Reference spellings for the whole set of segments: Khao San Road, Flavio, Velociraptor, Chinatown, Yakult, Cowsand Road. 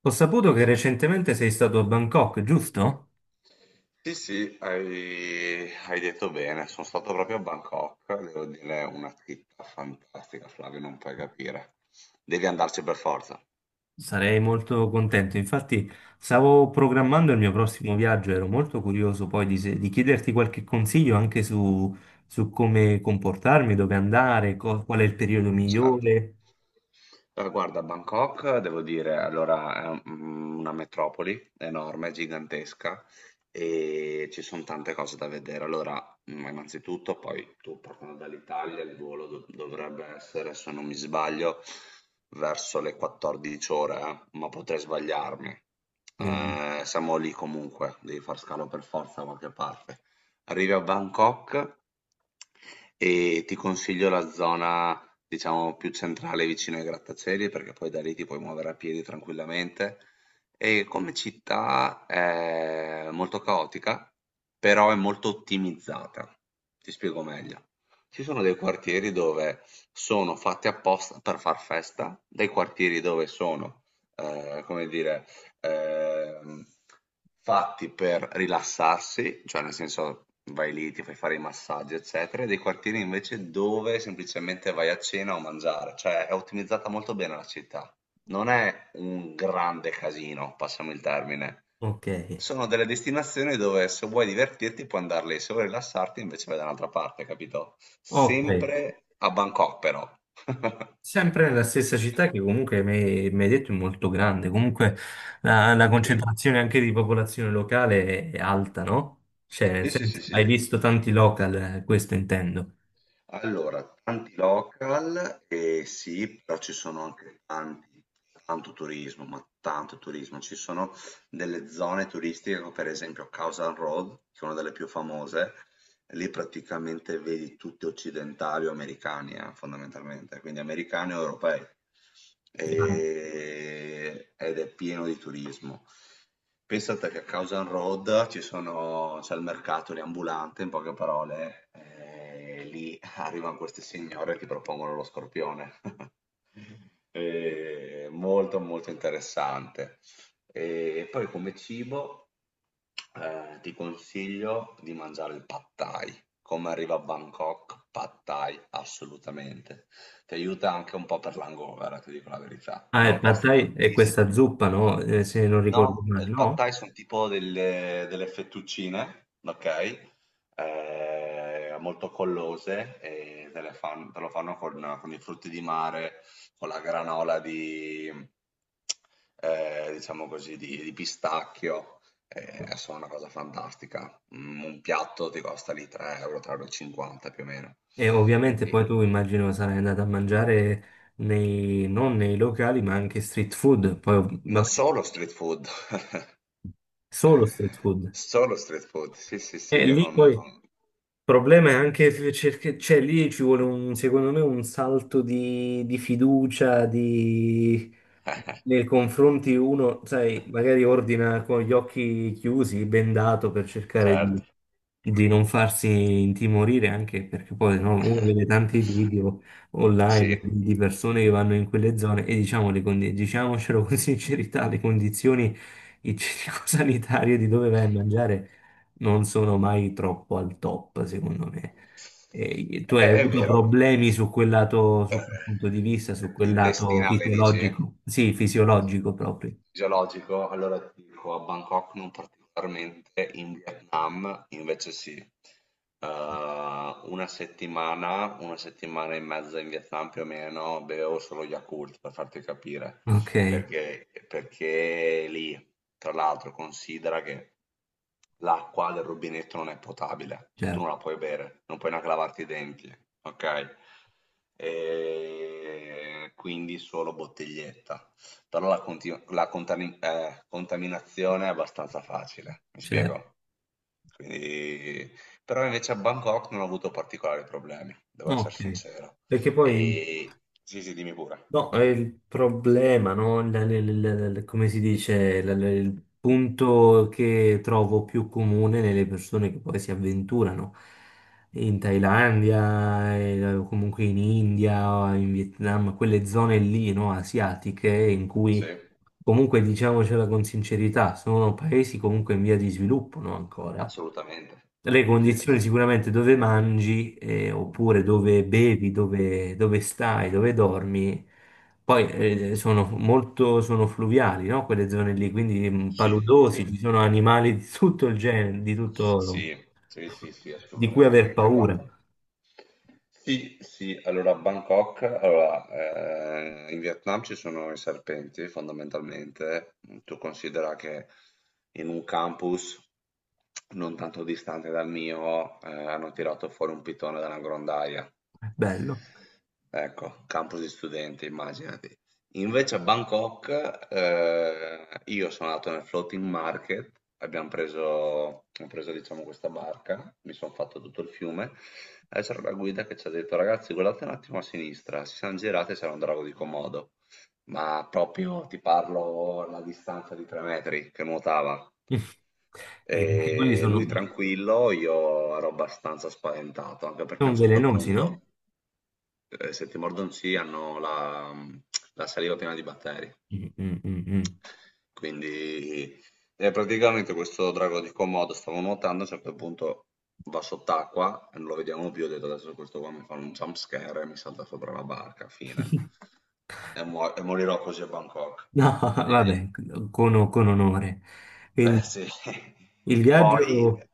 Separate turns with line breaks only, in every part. Ho saputo che recentemente sei stato a Bangkok, giusto?
Sì, sì, hai detto bene. Sono stato proprio a Bangkok, devo dire, è una città fantastica, Flavio, non puoi capire. Devi andarci per forza.
Sarei molto contento. Infatti, stavo programmando il mio prossimo viaggio, ero molto curioso poi di, se- di chiederti qualche consiglio anche su come comportarmi, dove andare, qual è il periodo
Certo.
migliore.
Allora, guarda, Bangkok, devo dire, allora una metropoli enorme, gigantesca e ci sono tante cose da vedere. Allora, innanzitutto, poi tu partendo dall'Italia, il volo dovrebbe essere, se non mi sbaglio, verso le 14 ore, ma potrei sbagliarmi.
Quindi,
Siamo lì comunque, devi far scalo per forza da qualche parte. Arrivi a Bangkok e ti consiglio la zona diciamo più centrale vicino ai grattacieli perché poi da lì ti puoi muovere a piedi tranquillamente. E come città è molto caotica, però è molto ottimizzata. Ti spiego meglio. Ci sono dei quartieri dove sono fatti apposta per far festa, dei quartieri dove sono, eh, come dire, ehm, fatti per rilassarsi, cioè nel senso vai lì, ti fai fare i massaggi, eccetera, e dei quartieri invece dove semplicemente vai a cena o a mangiare, cioè è ottimizzata molto bene la città. Non è un grande casino, passami il termine.
ok,
Sono delle destinazioni dove se vuoi divertirti puoi andare lì, se vuoi rilassarti invece vai da un'altra parte, capito?
ok.
Sempre a Bangkok però.
Sempre nella stessa città che comunque mi hai detto è molto grande, comunque la concentrazione anche di popolazione locale è alta, no? Cioè, nel
Sì, sì, sì,
senso, hai
sì.
visto tanti local, questo intendo.
Allora, tanti local, sì, però ci sono anche tanti tanto turismo, ma tanto turismo. Ci sono delle zone turistiche come per esempio Cowsand Road, che è una delle più famose, lì praticamente vedi tutti occidentali o americani, fondamentalmente, quindi americani o europei. Ed è pieno di turismo. Pensate che a Cowsand Road c'è il mercato lì ambulante, in poche parole, lì arrivano queste signore e ti propongono lo scorpione. Molto molto interessante. E poi come cibo ti consiglio di mangiare il pad thai. Come arriva a Bangkok, pad thai, assolutamente. Ti aiuta anche un po' per l'hangover, ti dico la verità.
Ah,
Non
il pad
costa
thai è
tantissimo.
questa zuppa, no? Se non ricordo
No,
male,
il pad
no?
thai sono tipo delle fettuccine, ok? Molto collose e te, te lo fanno con i frutti di mare, con la granola di, diciamo così, di pistacchio. È solo una cosa fantastica. Un piatto ti costa lì 3 euro, 3,50 più o meno.
E ovviamente
E
poi tu immagino sarai andato a mangiare non nei locali, ma anche street food, poi
non
vabbè,
solo street food,
solo street food.
solo street food. Sì, sì, sì,
E
io
lì
non...
poi il
non...
problema è anche cioè lì ci vuole un, secondo me, un salto di fiducia nei confronti uno, sai, magari ordina con gli occhi chiusi, bendato per cercare
Certo.
di non farsi intimorire, anche perché poi no, uno vede tanti video online
Sì,
di persone che vanno in quelle zone e diciamo diciamocelo con sincerità, le condizioni igienico-sanitarie di dove vai a mangiare non sono mai troppo al top, secondo me. E tu hai
è
avuto
vero.
problemi su quel lato, su
Ehm,
quel punto di vista, su quel lato
Intestinale dici?
fisiologico? Sì, fisiologico proprio.
Geologico? Allora ti dico, a Bangkok non particolarmente, in Vietnam invece sì. Una settimana e mezza in Vietnam più o meno, bevevo solo Yakult per farti capire,
Ok,
perché lì, tra l'altro, considera che l'acqua del rubinetto non è potabile, cioè tu
certo,
non la puoi bere, non puoi neanche lavarti i denti, ok? E quindi solo bottiglietta. Però la contaminazione è abbastanza facile, mi
certo.
spiego? Quindi... Però invece a Bangkok non ho avuto particolari problemi, devo essere
Ok.
sincero.
Perché poi
E... Sì, sì, dimmi pure.
no, è il problema, no? Come si dice, il punto che trovo più comune nelle persone che poi si avventurano in Thailandia, o comunque in India, o in Vietnam, quelle zone lì, no? Asiatiche, in
Sì,
cui comunque diciamocela con sincerità, sono paesi comunque in via di sviluppo, no? Ancora
assolutamente.
le
Sì,
condizioni
sì,
sicuramente dove mangi, oppure dove bevi, dove stai, dove dormi, poi sono fluviali, no? Quelle zone lì, quindi
sì. Sì.
paludosi, ci sono animali di tutto il genere, di tutto,
Sì, sì, sì, sì,
di cui aver
assolutamente.
paura.
Guarda. Sì, sì, allora a Bangkok, allora, in Vietnam ci sono i serpenti fondamentalmente. Tu considera che in un campus non tanto distante dal mio hanno tirato fuori un pitone da una grondaia.
Bello.
Ecco, campus di studenti, immaginati. Invece a Bangkok, io sono andato nel floating market, ho preso diciamo questa barca, mi sono fatto tutto il fiume, e c'era la guida che ci ha detto ragazzi guardate un attimo a sinistra, si sono girati e c'era un drago di Komodo, ma proprio ti parlo alla distanza di 3 metri che nuotava.
E anche quelli
E
sono,
lui tranquillo, io ero abbastanza spaventato, anche perché a
sono
un certo
velenosi,
punto
no?
Se ti mordono sì, hanno la la saliva piena di batteri.
Mm, mm, mm, mm.
Quindi e praticamente questo drago di Komodo stava nuotando, a un certo punto va sott'acqua, e non lo vediamo più, ho detto: "Adesso questo qua mi fa un jump scare e mi salta sopra la barca, fine". E morirò così a Bangkok.
No,
E
vabbè, con onore.
eh
Quindi
sì.
il
Poi
viaggio.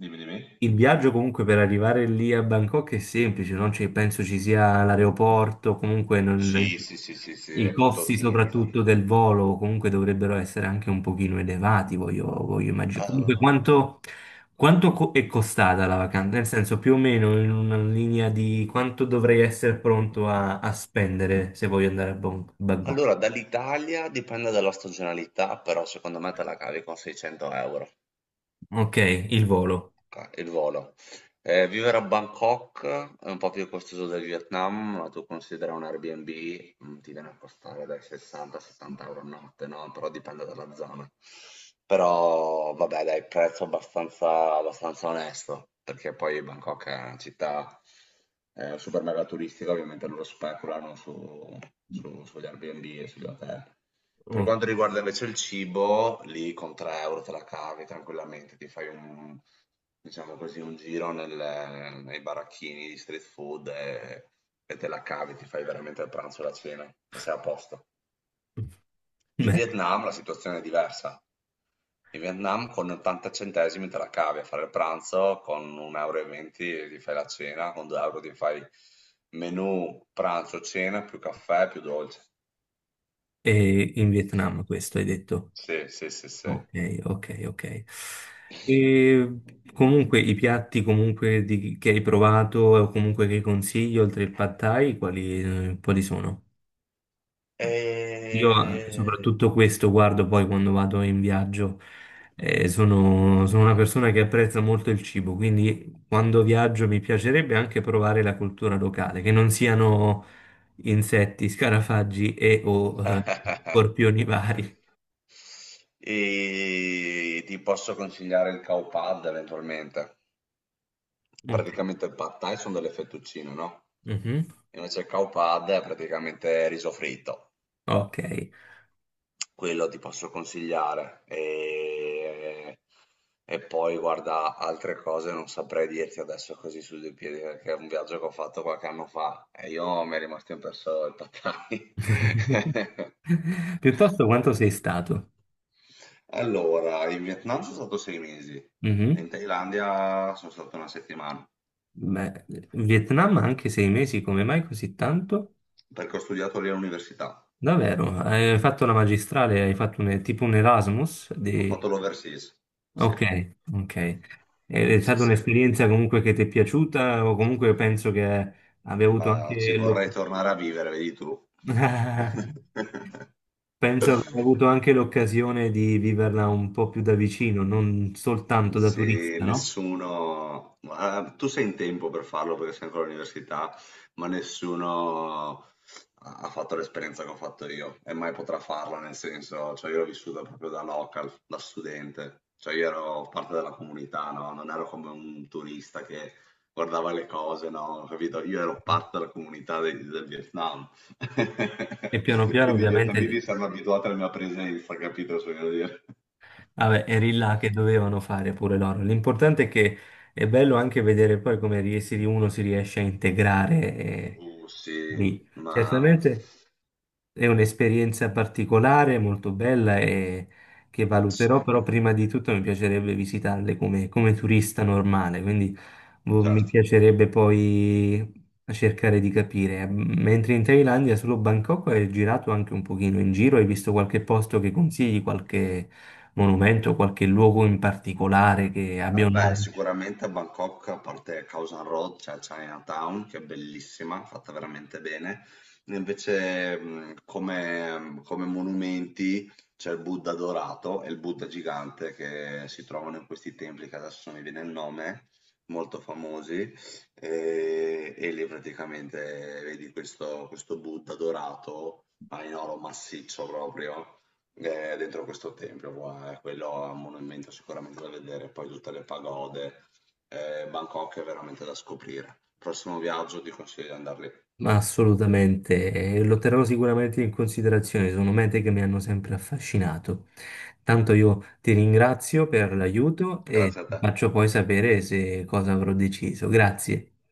dimmi.
Il viaggio comunque per arrivare lì a Bangkok è semplice, non c'è- penso ci sia l'aeroporto, comunque
Sì, sì, sì, sì, sì,
i
è tutto
costi
ottimizza
soprattutto del volo comunque dovrebbero essere anche un pochino elevati, voglio immaginare. Comunque
ehm
quanto, è costata la vacanza? Nel senso, più o meno, in una linea di quanto dovrei essere pronto a spendere se voglio andare a Bangkok.
Allora, dall'Italia dipende dalla stagionalità, però secondo me te la cavi con 600 €
Ok, il volo.
il volo. Vivere a Bangkok è un po' più costoso del Vietnam, ma tu considera un Airbnb, ti viene a costare dai 60 70 € a notte, no? Però dipende dalla zona. Però vabbè, dai, prezzo abbastanza onesto, perché poi Bangkok è una città super mega turistica, ovviamente loro speculano sugli Airbnb e sugli hotel. Per
Oh,
quanto riguarda invece il cibo, lì con 3 € te la cavi tranquillamente, ti fai un, diciamo così, un giro nei baracchini di street food e te la cavi, ti fai veramente il pranzo e la cena, e sei a posto. In
bene.
Vietnam la situazione è diversa. In Vietnam con 80 centesimi te la cavi a fare il pranzo, con 1,20 € e venti ti fai la cena, con 2 € ti fai menù, pranzo, cena, più caffè, più dolce.
E in Vietnam questo hai detto.
Sì, sì, sì, sì.
Ok, ok, ok. E comunque i piatti comunque che hai provato o comunque che consigli oltre il pad thai, quali, quali sono? Io
Ehm,
soprattutto questo guardo poi quando vado in viaggio. Sono una persona che apprezza molto il cibo, quindi quando viaggio mi piacerebbe anche provare la cultura locale, che non siano insetti, scarafaggi o scorpioni vari.
e ti posso consigliare il cow pad eventualmente.
Ok.
Praticamente il pad thai sono delle fettuccine, no?
Mhm.
Invece il cow pad è praticamente riso fritto.
Ok.
Quello ti posso consigliare. E poi guarda, altre cose non saprei dirti adesso così su due piedi, perché è un viaggio che ho fatto qualche anno fa e io mi è rimasto impresso il Pad Thai.
Piuttosto quanto sei stato?
Allora, in Vietnam sono stato 6 mesi,
Mhm.
in Thailandia sono stato una settimana,
Beh, Vietnam anche 6 mesi, come mai così tanto?
perché ho studiato lì all'università.
Davvero? Hai fatto la magistrale, hai fatto tipo un Erasmus?
Ho fatto l'overseas. Sì,
Ok, ok. È
sì,
stata
sì.
un'esperienza comunque che ti è piaciuta o comunque penso che abbia avuto
Ma ci
anche
vorrei tornare a vivere, vedi tu.
penso abbia avuto anche l'occasione di viverla un po' più da vicino, non soltanto da
Sì,
turista, no?
nessuno, ma tu sei in tempo per farlo perché sei ancora all'università, ma nessuno ha ha fatto l'esperienza che ho fatto io e mai potrà farla, nel senso, cioè io l'ho vissuta proprio da local, da studente, cioè io ero parte della comunità, no? Non ero come un turista che guardava le cose, no? Capito? Io ero parte della comunità del Vietnam,
E piano piano
quindi i vietnamiti
ovviamente,
si erano abituati alla mia presenza, capito cosa voglio dire?
vabbè, eri là che dovevano fare pure loro. L'importante è che è bello anche vedere poi come uno si riesce a integrare,
Sì,
lì.
ma
Certamente, è un'esperienza particolare, molto bella, e che
sì,
valuterò, però prima di tutto mi piacerebbe visitarle come, come turista normale, quindi boh, mi
certo.
piacerebbe poi cercare di capire. Mentre in Thailandia, solo Bangkok, hai girato anche un pochino in giro, hai visto qualche posto che consigli, qualche monumento, qualche luogo in particolare che abbia un
Vabbè,
nome?
sicuramente a Bangkok, a parte Khao San Road, c'è Chinatown, che è bellissima, fatta veramente bene. Invece, come, come monumenti, c'è il Buddha dorato e il Buddha gigante che si trovano in questi templi, che adesso non mi viene il nome, molto famosi. E lì praticamente vedi questo, questo Buddha dorato, ma in oro massiccio proprio dentro questo tempio, qua, quello è un monumento sicuramente da vedere, poi tutte le pagode. Bangkok è veramente da scoprire. Prossimo viaggio ti consiglio di andar lì.
Ma assolutamente, lo terrò sicuramente in considerazione, sono mete che mi hanno sempre affascinato. Tanto io ti ringrazio per l'aiuto e
Grazie a
ti
te.
faccio poi sapere se cosa avrò deciso. Grazie.